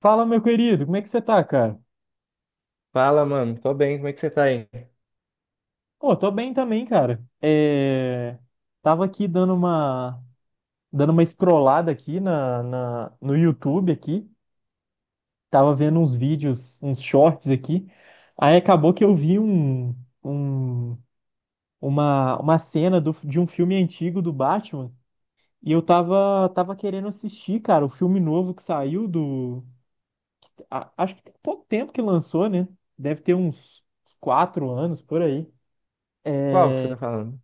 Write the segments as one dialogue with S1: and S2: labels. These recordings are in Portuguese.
S1: Fala, meu querido, como é que você tá, cara?
S2: Fala, mano. Tô bem. Como é que você tá aí?
S1: Pô, tô bem também, cara. Tava aqui dando uma scrollada aqui no YouTube aqui. Tava vendo uns vídeos, uns shorts aqui. Aí acabou que eu vi um... uma cena de um filme antigo do Batman. E eu tava querendo assistir, cara, o filme novo que saiu do. Acho que tem pouco tempo que lançou, né? Deve ter uns quatro anos por aí. É,
S2: Qual que você tá falando?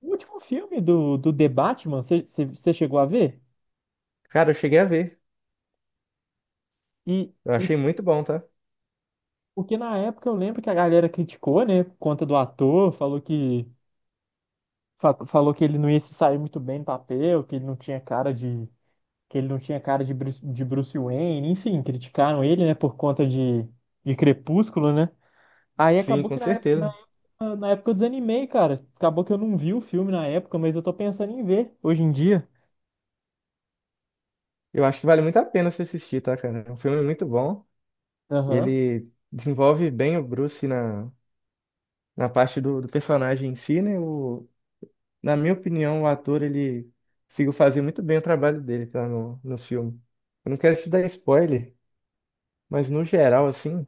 S1: O último filme do The Batman, você chegou a ver?
S2: Cara, eu cheguei a ver.
S1: E,
S2: Eu
S1: e
S2: achei muito bom, tá?
S1: porque na época eu lembro que a galera criticou, né, por conta do ator, falou que ele não ia se sair muito bem no papel, que ele não tinha cara de que ele não tinha cara de Bruce, Wayne, enfim, criticaram ele, né, por conta de Crepúsculo, né? Aí
S2: Sim,
S1: acabou
S2: com
S1: que na época,
S2: certeza.
S1: na época eu desanimei, cara. Acabou que eu não vi o filme na época, mas eu tô pensando em ver hoje em dia.
S2: Eu acho que vale muito a pena você assistir, tá, cara? É um filme muito bom.
S1: Aham,
S2: Ele desenvolve bem o Bruce na parte do personagem em si, né? O, na minha opinião, o ator, ele conseguiu fazer muito bem o trabalho dele, tá, no filme. Eu não quero te dar spoiler, mas no geral, assim,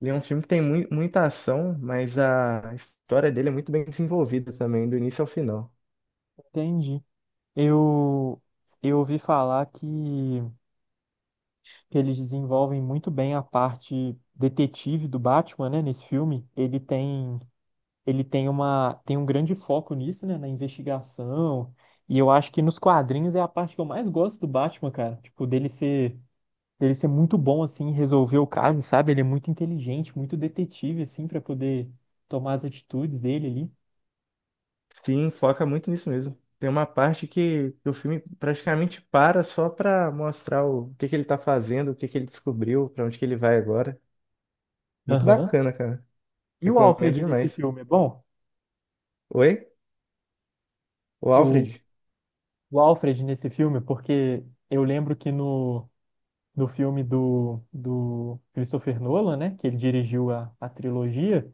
S2: ele é um filme que tem muita ação, mas a história dele é muito bem desenvolvida também, do início ao final.
S1: entendi. Eu, eu ouvi falar que eles desenvolvem muito bem a parte detetive do Batman, né, nesse filme. Ele tem um grande foco nisso, né, na investigação. E eu acho que nos quadrinhos é a parte que eu mais gosto do Batman, cara. Tipo, dele ser muito bom, assim, em resolver o caso, sabe? Ele é muito inteligente, muito detetive, assim, para poder tomar as atitudes dele ali.
S2: Sim, foca muito nisso mesmo. Tem uma parte que o filme praticamente para só pra mostrar o que que ele tá fazendo, o que que ele descobriu, pra onde que ele vai agora. Muito
S1: Aham.
S2: bacana, cara.
S1: E o
S2: Recomendo
S1: Alfred nesse
S2: demais.
S1: filme é bom?
S2: Oi? O Alfred?
S1: O Alfred nesse filme, porque eu lembro que no filme do Christopher Nolan, né, que ele dirigiu a trilogia,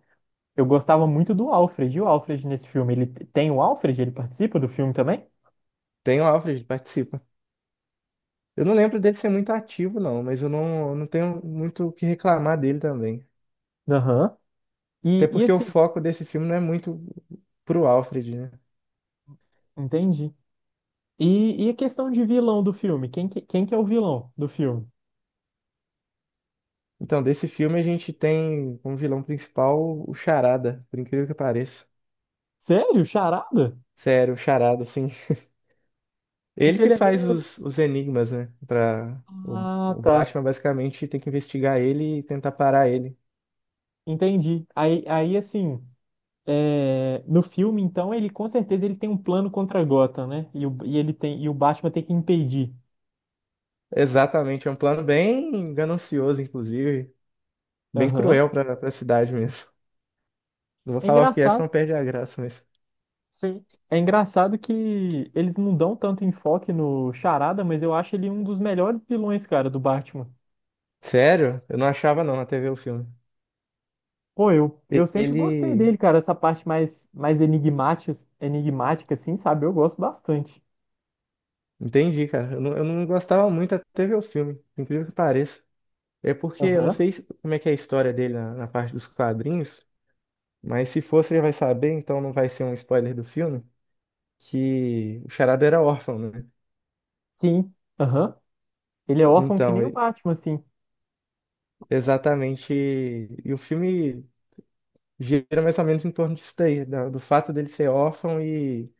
S1: eu gostava muito do Alfred. E o Alfred nesse filme, ele tem o Alfred? Ele participa do filme também?
S2: Tem o Alfred, participa. Eu não lembro dele ser muito ativo, não, mas eu não tenho muito o que reclamar dele também.
S1: Aham.
S2: Até porque o
S1: Assim,
S2: foco desse filme não é muito pro Alfred, né?
S1: entendi. E a questão de vilão do filme? Quem que é o vilão do filme?
S2: Então, desse filme a gente tem como vilão principal o Charada, por incrível que pareça.
S1: Sério? Charada?
S2: Sério, o Charada, assim. Ele
S1: Porque
S2: que
S1: ele é
S2: faz
S1: meio.
S2: os enigmas, né? Pra, o,
S1: Ah,
S2: o
S1: tá.
S2: Batman basicamente tem que investigar ele e tentar parar ele.
S1: Entendi. Aí assim. No filme, então, ele com certeza ele tem um plano contra Gotham, né? E o Batman tem que impedir.
S2: Exatamente, é um plano bem ganancioso, inclusive. Bem
S1: Aham.
S2: cruel pra cidade mesmo. Não vou
S1: É
S2: falar o que é, senão
S1: engraçado,
S2: perde a graça, mas.
S1: sim. É engraçado que eles não dão tanto enfoque no Charada, mas eu acho ele um dos melhores vilões, cara, do Batman.
S2: Sério? Eu não achava não na até ver o filme.
S1: Pô, eu
S2: E-
S1: sempre gostei
S2: Ele.
S1: dele, cara, essa parte mais enigmática, assim, sabe? Eu gosto bastante.
S2: Entendi, cara. Eu não gostava muito até ver o filme, por incrível que pareça. É porque eu não
S1: Aham.
S2: sei como é que é a história dele na parte dos quadrinhos, mas se for, você já vai saber, então não vai ser um spoiler do filme. Que o Charada era órfão, né?
S1: Sim. Aham. Ele é órfão que
S2: Então,
S1: nem o
S2: e-
S1: Batman, assim.
S2: Exatamente. E o filme gira mais ou menos em torno disso daí, do fato dele ser órfão e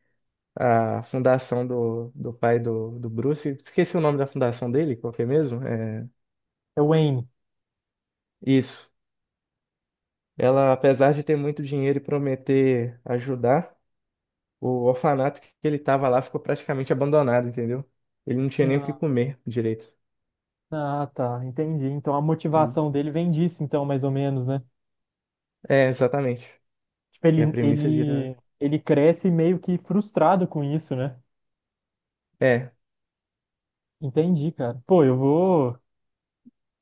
S2: a fundação do pai do Bruce. Esqueci o nome da fundação dele, qual que é mesmo? É,
S1: É o Wayne.
S2: isso. Ela, apesar de ter muito dinheiro e prometer ajudar, o orfanato que ele estava lá ficou praticamente abandonado, entendeu? Ele não tinha nem o que comer direito.
S1: Ah, tá, entendi. Então a
S2: Hum.
S1: motivação dele vem disso, então, mais ou menos, né?
S2: É, exatamente.
S1: Tipo,
S2: E a
S1: ele,
S2: premissa
S1: ele,
S2: gira.
S1: ele cresce meio que frustrado com isso, né?
S2: É.
S1: Entendi, cara. Pô, eu vou.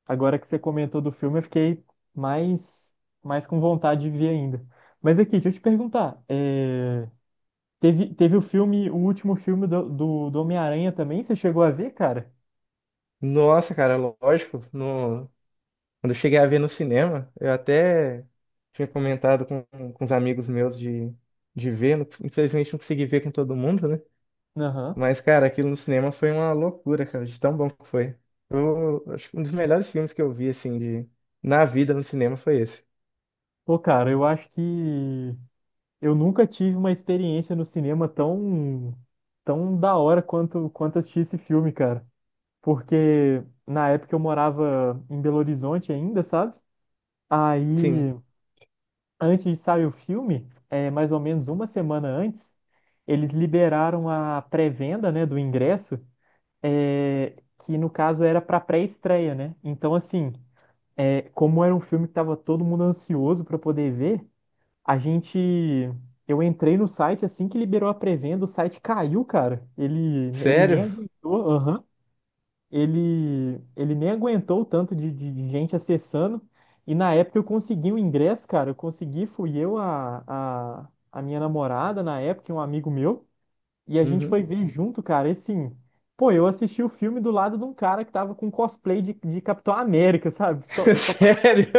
S1: Agora que você comentou do filme, eu fiquei mais, mais com vontade de ver ainda. Mas aqui, deixa eu te perguntar. Teve o filme, o último filme do Homem-Aranha também? Você chegou a ver, cara?
S2: Nossa, cara, lógico. No... Quando eu cheguei a ver no cinema, eu até tinha comentado com os amigos meus de ver. Infelizmente não consegui ver com todo mundo, né?
S1: Aham.
S2: Mas, cara, aquilo no cinema foi uma loucura, cara, de tão bom que foi. Eu acho que um dos melhores filmes que eu vi, assim, de... na vida no cinema foi esse.
S1: Pô, cara, eu acho que. Eu nunca tive uma experiência no cinema tão da hora quanto assistir esse filme, cara. Porque na época eu morava em Belo Horizonte ainda, sabe?
S2: Sim.
S1: Aí, antes de sair o filme, mais ou menos uma semana antes, eles liberaram a pré-venda, né, do ingresso, é, que no caso era para pré-estreia, né? Então, assim, como era um filme que tava todo mundo ansioso para poder ver. A gente. Eu entrei no site assim que liberou a pré-venda, o site caiu, cara. Ele nem
S2: Sério?
S1: aguentou, aham. Ele nem aguentou o tanto de gente acessando. E na época eu consegui o ingresso, cara. Eu consegui, fui eu, a minha namorada na época, e um amigo meu. E a gente
S2: Uhum.
S1: foi ver junto, cara. E assim, pô, eu assisti o filme do lado de um cara que tava com cosplay de Capitão América, sabe? Só, só
S2: Sério?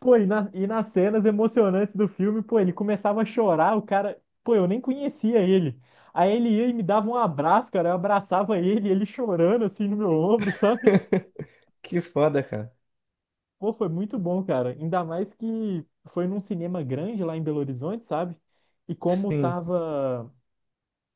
S1: Pô, e nas cenas emocionantes do filme, pô, ele começava a chorar, o cara, pô, eu nem conhecia ele. Aí ele ia e me dava um abraço, cara, eu abraçava ele, ele chorando assim no meu ombro, sabe?
S2: Que foda, cara.
S1: Pô, foi muito bom, cara. Ainda mais que foi num cinema grande lá em Belo Horizonte, sabe? E como
S2: Sim.
S1: tava,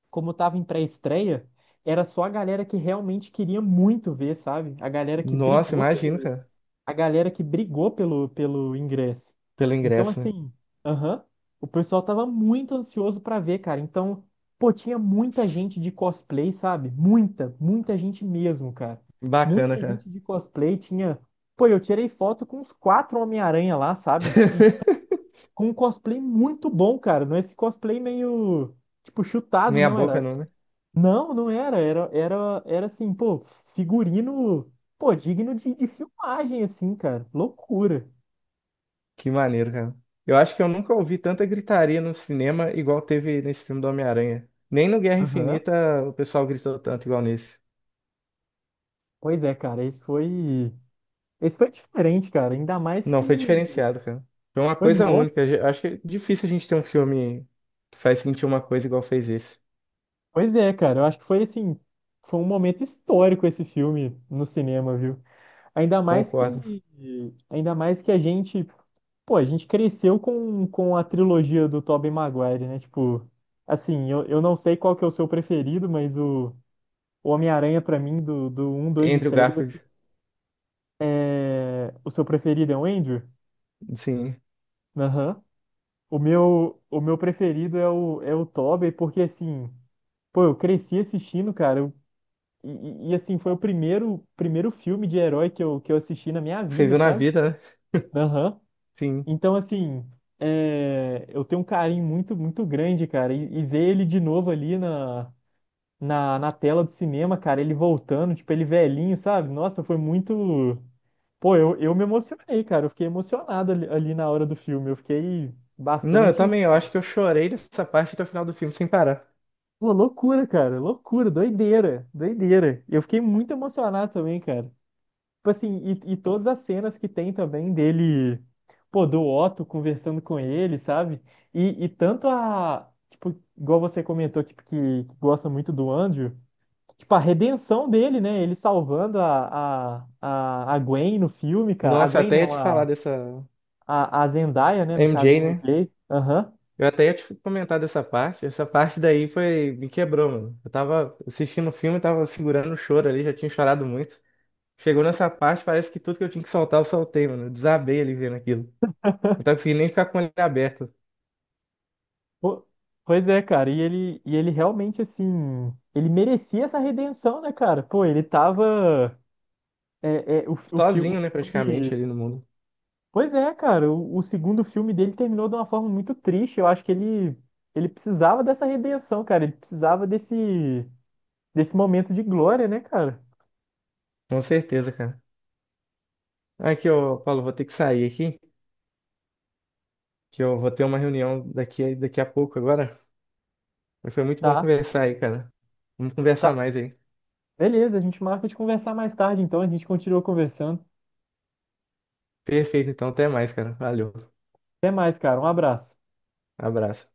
S1: como tava em pré-estreia, era só a galera que realmente queria muito ver, sabe? A galera que
S2: Nossa,
S1: brigou
S2: imagino,
S1: pelo
S2: cara.
S1: a galera que brigou pelo ingresso.
S2: Pelo
S1: Então,
S2: ingresso, né?
S1: assim, aham, o pessoal tava muito ansioso pra ver, cara. Então, pô, tinha muita gente de cosplay, sabe? Muita, muita gente mesmo, cara.
S2: Bacana,
S1: Muita
S2: cara.
S1: gente de cosplay tinha. Pô, eu tirei foto com uns quatro Homem-Aranha lá, sabe? E tipo, com um cosplay muito bom, cara. Não é esse cosplay meio, tipo, chutado,
S2: Meia
S1: não.
S2: boca
S1: Era,
S2: não, né?
S1: não, não era. Era assim, pô, figurino, pô, digno de filmagem, assim, cara. Loucura.
S2: Que maneiro, cara. Eu acho que eu nunca ouvi tanta gritaria no cinema igual teve nesse filme do Homem-Aranha. Nem no Guerra
S1: Aham.
S2: Infinita o pessoal gritou tanto igual nesse.
S1: Pois é, cara, esse foi. Esse foi diferente, cara. Ainda mais
S2: Não,
S1: que.
S2: foi diferenciado, cara. Foi uma
S1: Foi
S2: coisa
S1: nossa.
S2: única. Eu acho que é difícil a gente ter um filme que faz sentir uma coisa igual fez esse.
S1: Pois é, cara. Eu acho que foi assim. Foi um momento histórico esse filme no cinema, viu? Ainda mais que.
S2: Concordo.
S1: Ainda mais que a gente. Pô, a gente cresceu com a trilogia do Tobey Maguire, né? Tipo, assim, eu não sei qual que é o seu preferido, mas o. O Homem-Aranha, pra mim, do um 2 e
S2: Andrew
S1: 3
S2: Garfield,
S1: assim, é- o seu preferido é o Andrew?
S2: sim.
S1: Aham. O meu preferido é o, é o Tobey, porque, assim, pô, eu cresci assistindo, cara, eu- e, e, assim, foi o primeiro filme de herói que eu assisti na minha
S2: Você
S1: vida,
S2: viu na
S1: sabe?
S2: vida, né?
S1: Aham.
S2: Sim.
S1: Então, assim, é, eu tenho um carinho muito, muito grande, cara, e ver ele de novo ali na tela do cinema, cara, ele voltando, tipo, ele velhinho, sabe? Nossa, foi muito. Pô, eu me emocionei, cara. Eu fiquei emocionado ali na hora do filme. Eu fiquei
S2: Não, eu
S1: bastante.
S2: também. Eu acho que eu chorei dessa parte até o final do filme sem parar.
S1: Pô, loucura, cara. Loucura, doideira, doideira. Eu fiquei muito emocionado também, cara. Tipo assim, e todas as cenas que tem também dele, pô, do Otto conversando com ele, sabe? E tanto a. Tipo, igual você comentou que gosta muito do Andrew. Tipo, a redenção dele, né? Ele salvando a Gwen no filme, cara. A
S2: Nossa, eu
S1: Gwen
S2: até ia
S1: não,
S2: te falar
S1: a,
S2: dessa
S1: a, a Zendaya, né? No caso, a
S2: MJ, né?
S1: MJ. Aham.
S2: Eu até ia te comentar dessa parte. Essa parte daí foi, me quebrou, mano. Eu tava assistindo o filme, tava segurando o choro ali, já tinha chorado muito. Chegou nessa parte, parece que tudo que eu tinha que soltar, eu soltei, mano. Eu desabei ali vendo aquilo. Não tava conseguindo nem ficar com ele aberto.
S1: Po- Pois é, cara. E ele realmente, assim... Ele merecia essa redenção, né, cara? Pô, ele tava... O
S2: Sozinho, né, praticamente,
S1: filme...
S2: ali no mundo.
S1: Pois é, cara. O segundo filme dele terminou de uma forma muito triste. Eu acho que ele precisava dessa redenção, cara. Ele precisava desse momento de glória, né, cara?
S2: Com certeza, cara. Aqui, ô, Paulo, vou ter que sair aqui, que eu vou ter uma reunião daqui, daqui a pouco agora. Mas foi muito bom
S1: Tá.
S2: conversar aí, cara. Vamos conversar
S1: Tá,
S2: mais aí.
S1: beleza, a gente marca de conversar mais tarde, então a gente continua conversando.
S2: Perfeito, então, até mais, cara. Valeu.
S1: Até mais, cara. Um abraço.
S2: Abraço.